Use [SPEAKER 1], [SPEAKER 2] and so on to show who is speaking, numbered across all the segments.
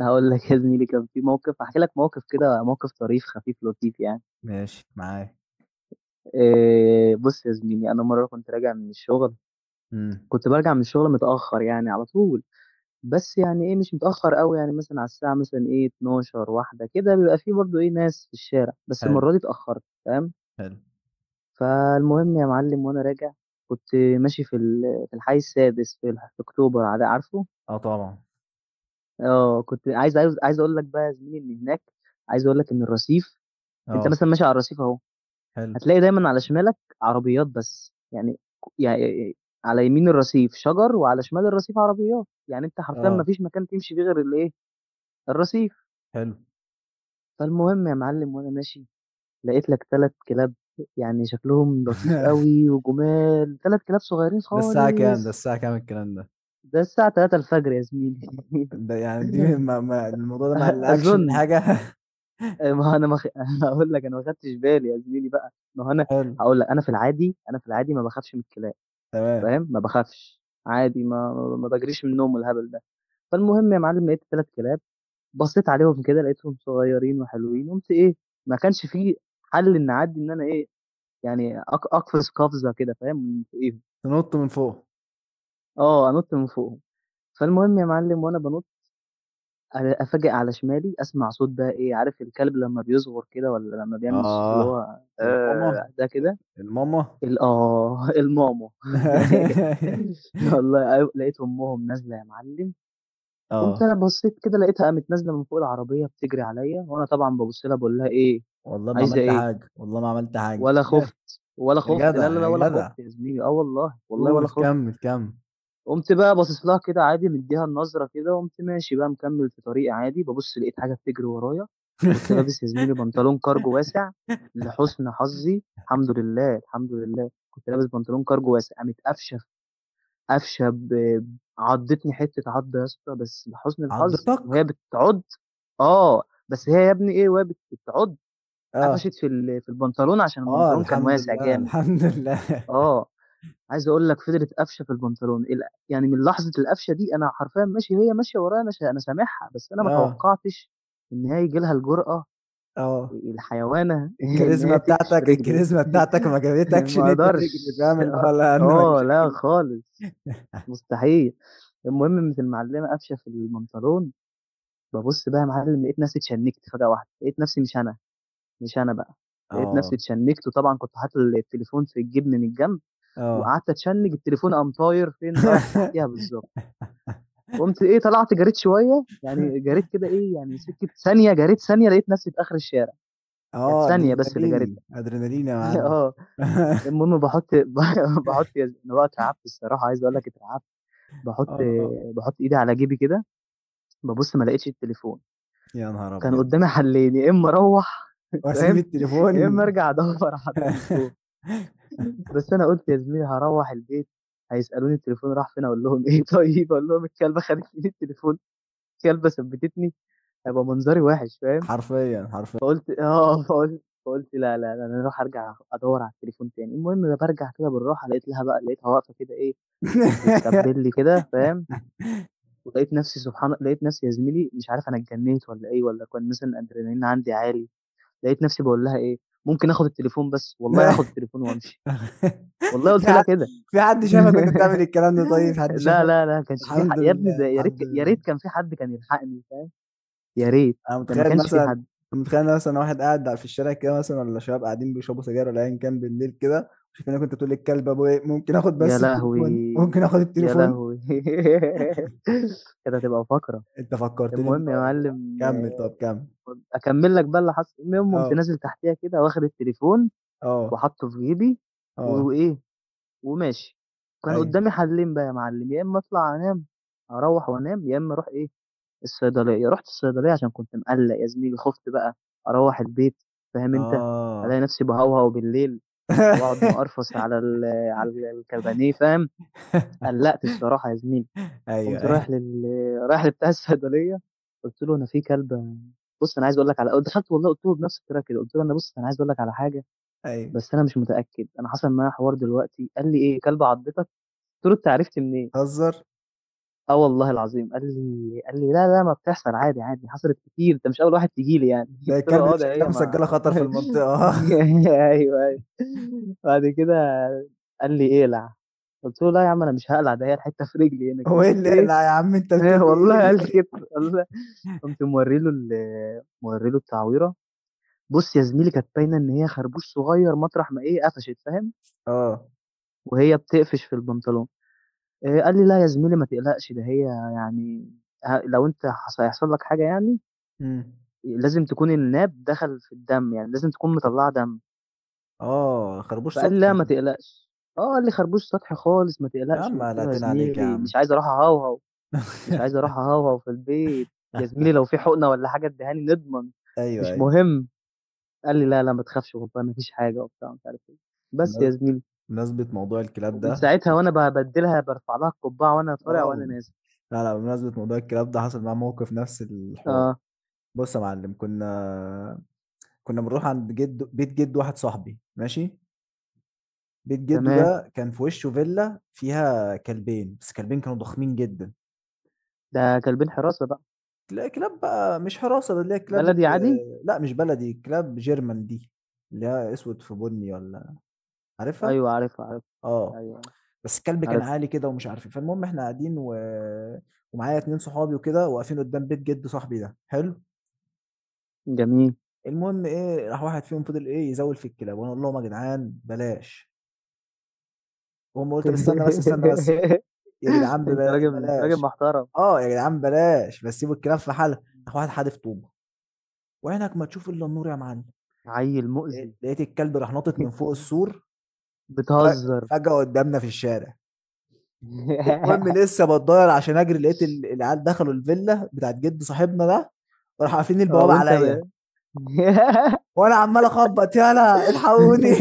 [SPEAKER 1] هقول لك يا زميلي، كان في موقف. هحكي لك موقف كده، موقف طريف خفيف لطيف يعني.
[SPEAKER 2] ماشي معايا.
[SPEAKER 1] إيه، بص يا زميلي، انا مره
[SPEAKER 2] امم.
[SPEAKER 1] كنت برجع من الشغل متاخر، يعني على طول، بس يعني ايه، مش متاخر قوي، يعني مثلا على الساعه مثلا ايه 12 واحده كده، بيبقى في برضو ايه ناس في الشارع، بس
[SPEAKER 2] حلو،
[SPEAKER 1] المره دي اتاخرت تمام.
[SPEAKER 2] حلو.
[SPEAKER 1] فالمهم يا معلم، وانا راجع كنت ماشي في في الحي السادس، في في اكتوبر، عارفه.
[SPEAKER 2] اه، طبعا.
[SPEAKER 1] اه، كنت عايز اقول لك بقى يا زميلي ان هناك، عايز اقول لك ان الرصيف، انت
[SPEAKER 2] اه.
[SPEAKER 1] مثلا ماشي على الرصيف اهو،
[SPEAKER 2] حلو.
[SPEAKER 1] هتلاقي دايما على شمالك عربيات، بس يعني على يمين الرصيف شجر وعلى شمال الرصيف عربيات، يعني انت حرفيا ما
[SPEAKER 2] اه.
[SPEAKER 1] فيش مكان تمشي فيه غير الايه، الرصيف.
[SPEAKER 2] حلو.
[SPEAKER 1] فالمهم يا معلم، وانا ماشي لقيت لك ثلاث كلاب، يعني شكلهم لطيف قوي وجمال، ثلاث كلاب صغيرين
[SPEAKER 2] ده
[SPEAKER 1] خالص.
[SPEAKER 2] الساعة كام الكلام ده؟
[SPEAKER 1] ده الساعة 3 الفجر يا زميلي.
[SPEAKER 2] ده يعني دي ما الموضوع ده ما قلقكش
[SPEAKER 1] اظن.
[SPEAKER 2] من حاجة؟
[SPEAKER 1] ما هو انا ما خ... هقول لك، انا ما خدتش بالي يا زميلي بقى. ما هو انا
[SPEAKER 2] حلو.
[SPEAKER 1] هقول لك، انا في العادي ما بخافش من الكلاب،
[SPEAKER 2] تمام.
[SPEAKER 1] فاهم، ما باخافش، عادي. ما باجريش من النوم والهبل ده. فالمهم يا معلم لقيت 3 كلاب، بصيت عليهم كده لقيتهم صغيرين وحلوين، قُمت إيه، ما كانش في حل إن أعدّي، إن أنا إيه، يعني أقفز قفزة كده فاهم، من فوقيهم.
[SPEAKER 2] تنط من فوق.
[SPEAKER 1] آه، أنُط من فوقهم. فالمهم يا معلم، وأنا بانُط أفاجئ على شمالي، أسمع صوت بقى إيه، عارف الكلب لمّا بيصغر كده والّا لمّا بيعمل الصوت اللي
[SPEAKER 2] اه.
[SPEAKER 1] هو
[SPEAKER 2] الماما،
[SPEAKER 1] ده كده.
[SPEAKER 2] الماما.
[SPEAKER 1] آه، الماما والله أيوه، لقيت أمهم نازلة يا معلم. قمت
[SPEAKER 2] اه،
[SPEAKER 1] انا بصيت كده، لقيتها قامت نازله من فوق العربيه بتجري عليا، وانا طبعا ببص لها، بقول لها ايه
[SPEAKER 2] والله ما
[SPEAKER 1] عايزه
[SPEAKER 2] عملت
[SPEAKER 1] ايه.
[SPEAKER 2] حاجة، والله ما عملت حاجة.
[SPEAKER 1] ولا خفت، ولا
[SPEAKER 2] يا
[SPEAKER 1] خفت، لا لا لا،
[SPEAKER 2] جدع، يا
[SPEAKER 1] ولا
[SPEAKER 2] جدع.
[SPEAKER 1] خفت يا زميلي، اه والله، والله ولا
[SPEAKER 2] قول،
[SPEAKER 1] خفت.
[SPEAKER 2] كمل كمل.
[SPEAKER 1] قمت بقى باصص لها كده عادي، مديها النظره كده، وقمت ماشي بقى مكمل في طريقي عادي، ببص لقيت حاجه بتجري ورايا. كنت لابس يا زميلي بنطلون كارجو واسع، لحسن حظي، الحمد لله الحمد لله، كنت لابس بنطلون كارجو واسع، قامت قافشه، قفشة ب، عضّتني حتّة عضّة يا اسطى، بس لحُسن الحظ وهي
[SPEAKER 2] عضتك؟
[SPEAKER 1] بتعُض، آه، بس هي يا ابني إيه، وهي بتعُض
[SPEAKER 2] اه.
[SPEAKER 1] قفشت في في البنطلون، عشان
[SPEAKER 2] آه،
[SPEAKER 1] البنطلون كان
[SPEAKER 2] الحمد
[SPEAKER 1] واسع
[SPEAKER 2] لله،
[SPEAKER 1] جامد.
[SPEAKER 2] الحمد لله.
[SPEAKER 1] آه، عايز أقول لك، فضلت قافشة في البنطلون ال، يعني من لحظة القفشة دي أنا حرفيًا ماشي وهي ماشية ورايا، أنا أنا سامعها، بس أنا ما
[SPEAKER 2] آه،
[SPEAKER 1] توقّعتش إن هي ييجي لها الجرأة،
[SPEAKER 2] آه.
[SPEAKER 1] الحيوانة، إن هي تقفش في رجلي.
[SPEAKER 2] الكاريزما بتاعتك ما جابتكش إن
[SPEAKER 1] ما
[SPEAKER 2] أنت
[SPEAKER 1] أقدرش.
[SPEAKER 2] تجري، فاهم، اللي هو
[SPEAKER 1] آه،
[SPEAKER 2] لأ أنا
[SPEAKER 1] آه،
[SPEAKER 2] مش
[SPEAKER 1] لأ
[SPEAKER 2] هاجري.
[SPEAKER 1] خالص. مستحيل. المهم قامت المعلمة قافشة في البنطلون، بابُص بقى يا معلم، لقيت نفسي اتشنِّكت فجأة واحدة، لقيت نفسي مش أنا، مش أنا بقى، لقيت نفسي
[SPEAKER 2] آه،
[SPEAKER 1] اتشنِّكت، وطبعًا كنت حاطط التليفون في الجيب من الجنب،
[SPEAKER 2] آه.
[SPEAKER 1] وقعدت أتشنِّج، التليفون قام طاير فين، رايح تحتيها بالضبط. قُمت إيه، طلعت جريت شوية، يعني جريت كده إيه، يعني سكة ثانية، جريت ثانية، لقيت نفسي في آخر الشارع، كانت
[SPEAKER 2] آه،
[SPEAKER 1] ثانية بس اللي
[SPEAKER 2] أدرينالين،
[SPEAKER 1] جريتها.
[SPEAKER 2] أدرينالين يا معلم.
[SPEAKER 1] آه، المهم باحُط يد أنا بقى اترعبت الصراحة، عايز أقول لك اترعبت، باحُط
[SPEAKER 2] آه،
[SPEAKER 1] باحُط إيدي على جيبي كده، بابُص ما لقيتش التليفون.
[SPEAKER 2] يا نهار
[SPEAKER 1] كان
[SPEAKER 2] أبيض!
[SPEAKER 1] قدامي حلين، يا إما أروّح
[SPEAKER 2] وأسيب
[SPEAKER 1] فاهم، يا إما
[SPEAKER 2] التليفون؟
[SPEAKER 1] أرجع أدوّر على التليفون. بس أنا قُلت يا زميلي، هاروّح البيت هيسألوني التليفون راح فين، أقول لهم إيه، طيب، أقول لهم الكلبة خدت مني التليفون، الكلبة ثبّتتني، هيبقى منظري وِحِش فاهم.
[SPEAKER 2] حرفيًا، حرفيًا.
[SPEAKER 1] فقُلت آه، فقُلت لا، لا، لا، أنا هاروح أرجع أدوّر على التليفون تاني. المهم أنا بارجع كده بالراحة، لقيت لها بقى، لقيتها واقفة كده إيه، بتسبّل لي كده فاهم. ولقيت نَفْسي سبحان، لقيت نَفْسي يا زميلي مش عارف أنا اتجنّيت والّا إيه، والّا كان مثلًا الأدرينالين عندي عالي. لقيت نفسي باقول لها إيه، ممكن آخُد التليفون بس، والله هاخُد التليفون وأمشي، والله قُلت
[SPEAKER 2] في
[SPEAKER 1] لها
[SPEAKER 2] حد
[SPEAKER 1] كده.
[SPEAKER 2] في حد شافك وأنت بتعمل الكلام ده؟ طيب، في حد
[SPEAKER 1] لا،
[SPEAKER 2] شافك؟
[SPEAKER 1] لا، لا، ما كانش في ح،
[SPEAKER 2] الحمد
[SPEAKER 1] يا ابني
[SPEAKER 2] لله،
[SPEAKER 1] ده، يا ريت
[SPEAKER 2] الحمد
[SPEAKER 1] يا
[SPEAKER 2] لله.
[SPEAKER 1] ريت كان في حد كان يلحقني فاهم. يا ريت.
[SPEAKER 2] انا
[SPEAKER 1] ده ما
[SPEAKER 2] متخيل
[SPEAKER 1] كانش في
[SPEAKER 2] مثلا
[SPEAKER 1] حد.
[SPEAKER 2] أنا متخيل مثلا واحد قاعد في الشارع كده مثلا، ولا شباب قاعدين بيشربوا سجاير، ولا ايا كان بالليل كده، شايفينك انت تقول للكلب ابو ايه ممكن اخد
[SPEAKER 1] يا
[SPEAKER 2] بس
[SPEAKER 1] لهوي!
[SPEAKER 2] التليفون، ممكن اخد
[SPEAKER 1] يا
[SPEAKER 2] التليفون.
[SPEAKER 1] لهوي! كانت هتبقى فقرة.
[SPEAKER 2] انت فكرتني
[SPEAKER 1] المهم يا
[SPEAKER 2] بموضوع،
[SPEAKER 1] معلم،
[SPEAKER 2] كمل، طب
[SPEAKER 1] آه،
[SPEAKER 2] كمل.
[SPEAKER 1] أكمّل لك بقى اللي حصل. المهم قُمت
[SPEAKER 2] اه،
[SPEAKER 1] نازل تحتيها كده، واخد التليفون
[SPEAKER 2] اه،
[SPEAKER 1] وحاطّه في جيبي،
[SPEAKER 2] اه.
[SPEAKER 1] وإيه، وماشي. كان
[SPEAKER 2] ايوه،
[SPEAKER 1] قُدّامي حَلّين بقى يا معلم، يا إمّا أطلع أنام، أروّح وأنام، يا إمّا أروح إيه، الصيدلية. رُحت الصيدلية، عشان كنت مقلّق يا زميلي، خُفت بقى أروّح البيت فاهم أنت،
[SPEAKER 2] اه.
[SPEAKER 1] ألاقي نفسي باهوهو بالليل، وأقعد مقرفص على ال، على الكابانيه فاهم. قلّقت الصراحة يا زميلي.
[SPEAKER 2] ايوه،
[SPEAKER 1] قُمت
[SPEAKER 2] ايوه،
[SPEAKER 1] رايح لل، رايح لبتاع الصيدلية، قُلت له: "أنا في كلبة، بُص أنا عايز أقول لك على". دخلت والله، قُلت له بنفس الطريقة كده، قُلت له: "أنا بُص، أنا عايز أقول لك على حاجة،
[SPEAKER 2] ايوه.
[SPEAKER 1] بس أنا مش متأكد، أنا حصل معايا حوار دلوقتي." قال لي: "إيه، كلبة عضّتك؟" قُلت له: "أنت عرفت منين؟"
[SPEAKER 2] هزر.
[SPEAKER 1] اه، والله العظيم قال لي لا لا، ما بتحصل، عادي عادي، حصلت كتير، انت مش اول واحد تيجي لي يعني.
[SPEAKER 2] ده
[SPEAKER 1] قلت له
[SPEAKER 2] الكلب ده
[SPEAKER 1] اه، ده
[SPEAKER 2] شكلها
[SPEAKER 1] هي ما.
[SPEAKER 2] مسجله خطر في المنطقه.
[SPEAKER 1] ايوه ايوه. بعد كده قال لي اقلع. قلت له لا يا عم، انا مش هقلع، ده هي الحته في رجلي هنا
[SPEAKER 2] هو
[SPEAKER 1] كده،
[SPEAKER 2] ايه
[SPEAKER 1] قمت
[SPEAKER 2] اللي
[SPEAKER 1] ايه.
[SPEAKER 2] لا يا عم، انت بتقول
[SPEAKER 1] والله قال لي
[SPEAKER 2] ايه؟
[SPEAKER 1] كده، والله. قمت موري له التعويره. بص يا زميلي، كانت باينه ان هي خربوش صغير، مطرح ما ايه قفشت فاهم،
[SPEAKER 2] اه.
[SPEAKER 1] وهي بتقفش في البنطلون. قال لي: "لأ يا زميلي ما تقلقش، ده هي، يعني، ه لو أنت حص هيحصل لك حاجة يعني،
[SPEAKER 2] امم.
[SPEAKER 1] لازم تكون الناب دخل في الدم، يعني لازم تكون مطلّعة دم."
[SPEAKER 2] اه، خربوش
[SPEAKER 1] فقال لي:
[SPEAKER 2] سطح
[SPEAKER 1] "لأ ما
[SPEAKER 2] يعني.
[SPEAKER 1] تقلقش." آه، قال لي: "خربوش سطحي خالص، ما
[SPEAKER 2] يا
[SPEAKER 1] تقلقش."
[SPEAKER 2] عم
[SPEAKER 1] وقُلت له: "يا
[SPEAKER 2] قلقتنا عليك يا
[SPEAKER 1] زميلي
[SPEAKER 2] عم.
[SPEAKER 1] مش عايز أروح أهوهو، مش عايز أروح أهوهو في البيت، يا زميلي لو في حقنة والّا حاجة ادّيها لي نضمن،
[SPEAKER 2] ايوه،
[SPEAKER 1] مش
[SPEAKER 2] ايوه.
[SPEAKER 1] مهم." قال لي: "لأ، لأ، ما تخافش، والله ما فيش حاجة." وبتاع، ومش عارف إيه. بس يا
[SPEAKER 2] بم-
[SPEAKER 1] زميلي،
[SPEAKER 2] بمناسبة موضوع الكلاب
[SPEAKER 1] ومن
[SPEAKER 2] ده.
[SPEAKER 1] ساعتها وأنا بابدّلها، بارفع لها القبّعة وأنا طالع وأنا
[SPEAKER 2] اه،
[SPEAKER 1] نازل.
[SPEAKER 2] لا لا، بمناسبة موضوع الكلاب ده حصل معاه موقف نفس الحوار.
[SPEAKER 1] آه،
[SPEAKER 2] بص يا معلم، كنا بنروح عند جد، بيت جد واحد صاحبي، ماشي. بيت جده
[SPEAKER 1] تمام،
[SPEAKER 2] ده كان في وشه فيلا فيها كلبين، بس كلبين كانوا ضخمين جدا.
[SPEAKER 1] ده كلبين حراسة بقى.
[SPEAKER 2] تلاقي كلاب بقى، مش حراسة، ده اللي هي كلاب
[SPEAKER 1] بلدي عادي؟
[SPEAKER 2] لا مش بلدي، كلاب جيرمان دي، اللي هي اسود في بني، ولا عارفها؟
[SPEAKER 1] أيوه عارفها، عارفها،
[SPEAKER 2] آه،
[SPEAKER 1] أيوه،
[SPEAKER 2] بس الكلب كان
[SPEAKER 1] عارفها،
[SPEAKER 2] عالي كده ومش عارف إيه. فالمهم إحنا قاعدين، و ومعايا 2 صحابي وكده، واقفين قدّام بيت جِد صاحبي ده، حلو.
[SPEAKER 1] جميل.
[SPEAKER 2] المهم إيه، راح واحد فيهم فضل إيه، يزوّل في الكلاب، وأنا أقول لهم: "يا جدعان بلاش." وأمّا قُلت: "طَب استنى بس، استنى بس، يا جدعان
[SPEAKER 1] أنت راجل أنت راجل
[SPEAKER 2] بلاش."
[SPEAKER 1] محترم،
[SPEAKER 2] آه، "يا جدعان بلاش، بس سيبوا الكلاب في حالها." راح واحد حادف طوبة، "وعينك ما تشوف إلا النور يا معلم."
[SPEAKER 1] عيّل مؤذي،
[SPEAKER 2] لقيت الكلب راح ناطط من فوق السور
[SPEAKER 1] بتهزر.
[SPEAKER 2] فجأة قدّامنا في الشارع. المهم لسه بتضاير عشان اجري، لقيت العيال دخلوا الفيلا بتاعت جد صاحبنا ده، وراحوا قافلين
[SPEAKER 1] آه،
[SPEAKER 2] البوابه
[SPEAKER 1] وأنت
[SPEAKER 2] عليا،
[SPEAKER 1] ب
[SPEAKER 2] وانا عمال اخبط، يالا الحقوني.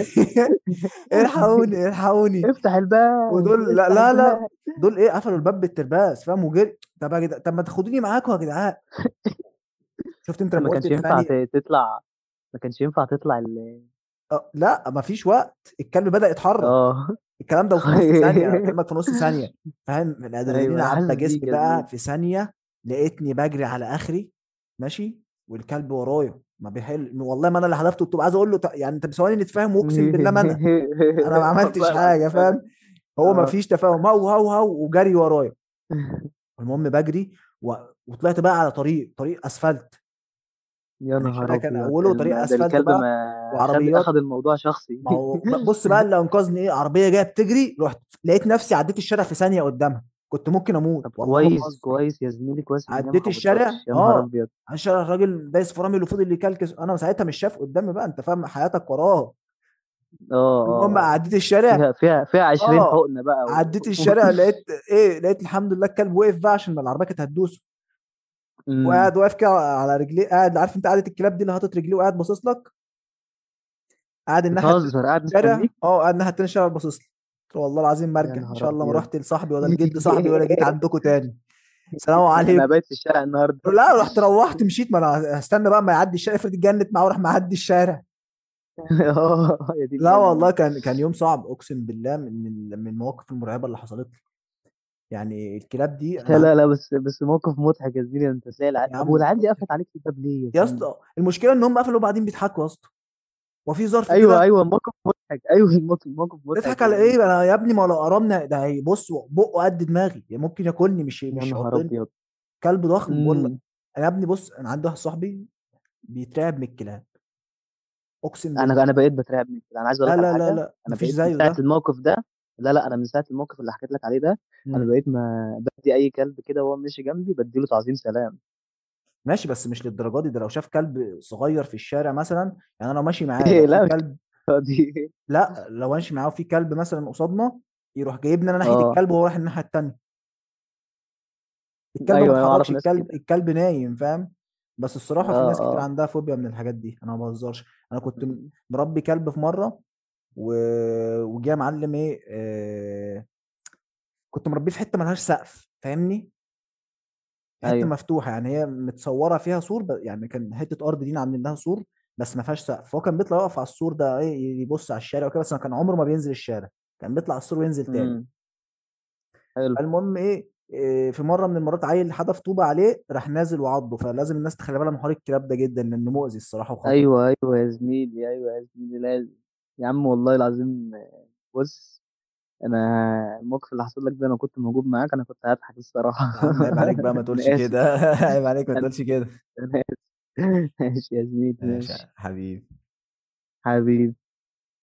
[SPEAKER 2] الحقوني، الحقوني.
[SPEAKER 1] افتح الباب،
[SPEAKER 2] ودول لا
[SPEAKER 1] افتح
[SPEAKER 2] لا لا،
[SPEAKER 1] الباب.
[SPEAKER 2] دول ايه قفلوا الباب بالترباس، فاهم؟ وجري. طب يا جدعان، طب ما تاخدوني معاكم يا جدعان. شفت انت
[SPEAKER 1] أنت ما
[SPEAKER 2] لما قلت
[SPEAKER 1] كانش
[SPEAKER 2] في
[SPEAKER 1] ينفع
[SPEAKER 2] ثانيه؟
[SPEAKER 1] تطلع، ما كانش ينفع تطلع ال.
[SPEAKER 2] أه، لا مفيش وقت، الكلب بدأ يتحرك.
[SPEAKER 1] آه.
[SPEAKER 2] الكلام ده في نص ثانية، أنا بكلمك في نص ثانية. فاهم؟
[SPEAKER 1] أيوه،
[SPEAKER 2] الأدرينالين
[SPEAKER 1] أنا
[SPEAKER 2] عدى
[SPEAKER 1] حاسس
[SPEAKER 2] جسمي
[SPEAKER 1] بيك يا
[SPEAKER 2] بقى
[SPEAKER 1] زميلي.
[SPEAKER 2] في ثانية. لقيتني بجري على آخري، ماشي، والكلب ورايا ما بيحل. والله ما أنا اللي حذفته الطوب، عايز أقول له يعني، أنت بثواني نتفاهم، وأقسم بالله ما أنا ما عملتش
[SPEAKER 1] والله
[SPEAKER 2] حاجة،
[SPEAKER 1] العظيم أنا.
[SPEAKER 2] فاهم. هو ما
[SPEAKER 1] آه.
[SPEAKER 2] فيش تفاهم، هو وجري ورايا. المهم بجري و... وطلعت بقى على طريق أسفلت.
[SPEAKER 1] يا
[SPEAKER 2] يعني الشارع
[SPEAKER 1] نهار
[SPEAKER 2] كان
[SPEAKER 1] أبيض!
[SPEAKER 2] أوله طريق
[SPEAKER 1] ده
[SPEAKER 2] أسفلت
[SPEAKER 1] الكلب
[SPEAKER 2] بقى
[SPEAKER 1] ما خد،
[SPEAKER 2] وعربيات.
[SPEAKER 1] أخد الموضوع
[SPEAKER 2] ما
[SPEAKER 1] شخصي.
[SPEAKER 2] هو بص بقى، اللي انقذني ايه، عربيه جايه بتجري، رحت لقيت نفسي عديت الشارع في ثانيه قدامها، كنت ممكن اموت،
[SPEAKER 1] طب
[SPEAKER 2] والله ما
[SPEAKER 1] كويس،
[SPEAKER 2] بهزر.
[SPEAKER 1] كويس يا زميلي، كويس إن هي ما
[SPEAKER 2] عديت الشارع،
[SPEAKER 1] خبطتكش، يا نهار
[SPEAKER 2] اه.
[SPEAKER 1] أبيض!
[SPEAKER 2] على الشارع الراجل دايس فرامل وفضل اللي يكلكس، انا ساعتها مش شايف قدامي بقى، انت فاهم، حياتك وراه.
[SPEAKER 1] آه، آه،
[SPEAKER 2] المهم عديت
[SPEAKER 1] آه.
[SPEAKER 2] الشارع.
[SPEAKER 1] فيها 20
[SPEAKER 2] اه،
[SPEAKER 1] حقنة بقى و.
[SPEAKER 2] عديت الشارع، لقيت ايه، لقيت الحمد لله الكلب وقف بقى عشان العربيه كانت هتدوسه.
[SPEAKER 1] إمم.
[SPEAKER 2] وقاعد واقف كده على رجليه، قاعد، عارف انت قعدة الكلاب دي اللي حاطط رجليه وقاعد باصص لك. قاعد الناحية التانية
[SPEAKER 1] بتهزر
[SPEAKER 2] في
[SPEAKER 1] قاعد
[SPEAKER 2] الشارع.
[SPEAKER 1] مستنيك؟
[SPEAKER 2] آه، قاعد الناحية التانية في الشارع باصص لي. قلت له والله العظيم ما
[SPEAKER 1] يا
[SPEAKER 2] أرجع، إن
[SPEAKER 1] نهار
[SPEAKER 2] شاء الله ما
[SPEAKER 1] أبيض!
[SPEAKER 2] رُحت لصاحبي، ولا لجد صاحبي، ولا جيت عندكم تاني، سلام
[SPEAKER 1] أنا
[SPEAKER 2] عليكم.
[SPEAKER 1] هابات في الشارع النهارده.
[SPEAKER 2] لأ، رُحت، روّحت، مشيت، ما أنا هاستنى بقى أمّا يعدّي الشارع، افرض اتجنِّت معاه وراح معدّي الشارع.
[SPEAKER 1] آه، يا دين
[SPEAKER 2] لا والله،
[SPEAKER 1] أمي.
[SPEAKER 2] كان يوم صعب، أقسم بالله، من المواقف المرعبة اللي حصلت لي. يعني الكلاب دي أنا
[SPEAKER 1] لا،
[SPEAKER 2] عندي.
[SPEAKER 1] لا، لا، بس بس موقف مضحك يا زميلي، أنت إزاي الع،
[SPEAKER 2] يا
[SPEAKER 1] طب
[SPEAKER 2] عم،
[SPEAKER 1] والعيال دي قفلت عليك الباب ليه يا
[SPEAKER 2] يا
[SPEAKER 1] زميلي؟
[SPEAKER 2] اسطى، المشكلة إن هم قفلوا وبعدين بيضحكوا يا اسطى، هو في ظرف
[SPEAKER 1] أيوه،
[SPEAKER 2] كده؟
[SPEAKER 1] أيوه، موقف مضحك، أيوه، الموقف موقف مضحك
[SPEAKER 2] نضحك
[SPEAKER 1] يا
[SPEAKER 2] على إيه
[SPEAKER 1] زميلي.
[SPEAKER 2] أنا يا ابني، ما هو لو قرمنا ده هيبُص بُقُّه قد دماغي، يعني ممكن ياكلني، مش
[SPEAKER 1] يا
[SPEAKER 2] مش
[SPEAKER 1] نهار
[SPEAKER 2] يعضني.
[SPEAKER 1] أبيض!
[SPEAKER 2] كلب ضخم باقول لك.
[SPEAKER 1] إمم.
[SPEAKER 2] أنا يا ابني بُص، أنا عندي واحد صاحبي بيترعب من الكلاب، أقسم بالله.
[SPEAKER 1] أنا بقيت باترعب من كده. أنا عايز أقول
[SPEAKER 2] لا،
[SPEAKER 1] لك على
[SPEAKER 2] لا، لا،
[SPEAKER 1] حاجة،
[SPEAKER 2] لأ، ما
[SPEAKER 1] أنا
[SPEAKER 2] فيش
[SPEAKER 1] بقيت من
[SPEAKER 2] زيه
[SPEAKER 1] ساعة
[SPEAKER 2] ده.
[SPEAKER 1] الموقف ده، لا، لأ، أنا من ساعة الموقف اللي حكيت لك عليه ده، أنا
[SPEAKER 2] إمم.
[SPEAKER 1] بقيت ما بادّي أي كلب كده وهو ماشي جنبي بادّي له تعظيم سلام.
[SPEAKER 2] ماشي، بس مش للدرجة دي، ده لو شاف كلب صغير في الشارع مثلًا، يعني أنا لو ماشي معاه لو
[SPEAKER 1] إيه،
[SPEAKER 2] في
[SPEAKER 1] لأ، مش
[SPEAKER 2] كلب.
[SPEAKER 1] الدرجة دي.
[SPEAKER 2] لأ، لو ماشي معاه وفي كلب مثلًا قصادنا، يروح جايبني أنا ناحية
[SPEAKER 1] آه.
[SPEAKER 2] الكلب وهو رايح الناحية التانية،
[SPEAKER 1] أيوه،
[SPEAKER 2] الكلب ما
[SPEAKER 1] أيوه أعرف
[SPEAKER 2] اتحركش،
[SPEAKER 1] ناس
[SPEAKER 2] الكلب
[SPEAKER 1] كده.
[SPEAKER 2] الكلب نايم، فاهم؟ بس الصراحة في
[SPEAKER 1] آه،
[SPEAKER 2] ناس كتير
[SPEAKER 1] آه.
[SPEAKER 2] عندها فوبيا من الحاجات دي، أنا ما باهزرش. أنا كنت
[SPEAKER 1] إمم.
[SPEAKER 2] مربي كلب في مرة، و وجه يا معلم إيه كنت مربيه في حتة ما لهاش سقف، فاهمني؟ حتة
[SPEAKER 1] أيوه.
[SPEAKER 2] مفتوحة، يعني هي متصورة فيها سور يعني كان حتة أرض لينا عاملين لها سور، بس ما فيهاش سقف. هو كان بيطلع يقف على السور ده إيه، يبص على الشارع وكده، بس ما كان عمره ما بينزل الشارع، كان بيطلع على السور وينزل تاني.
[SPEAKER 1] إمم. حلو.
[SPEAKER 2] فالمهم إيه في مرة من المرات، عيل حدف طوبة عليه، راح نازل وعضه. فلازم الناس تخلي بالها من حوار الكلاب ده جدًا لأنه مؤذي الصراحة وخطر.
[SPEAKER 1] أيوه، أيوه يا زميلي، أيوه يا زميلي لازم. يا عم، والله العظيم، بُص، أنا الموقف اللي حصل لك ده لو كنت موجود معاك أنا كنت هاضحك الصراحة.
[SPEAKER 2] يا عم عيب عليك بقى ما تقولش
[SPEAKER 1] أنا آسف.
[SPEAKER 2] كده، عيب عليك ما
[SPEAKER 1] أنا
[SPEAKER 2] تقولش كده.
[SPEAKER 1] أنا آسف ماشي يا زميلي،
[SPEAKER 2] ماشي
[SPEAKER 1] ماشي،
[SPEAKER 2] يا حبيبي.
[SPEAKER 1] حبيبي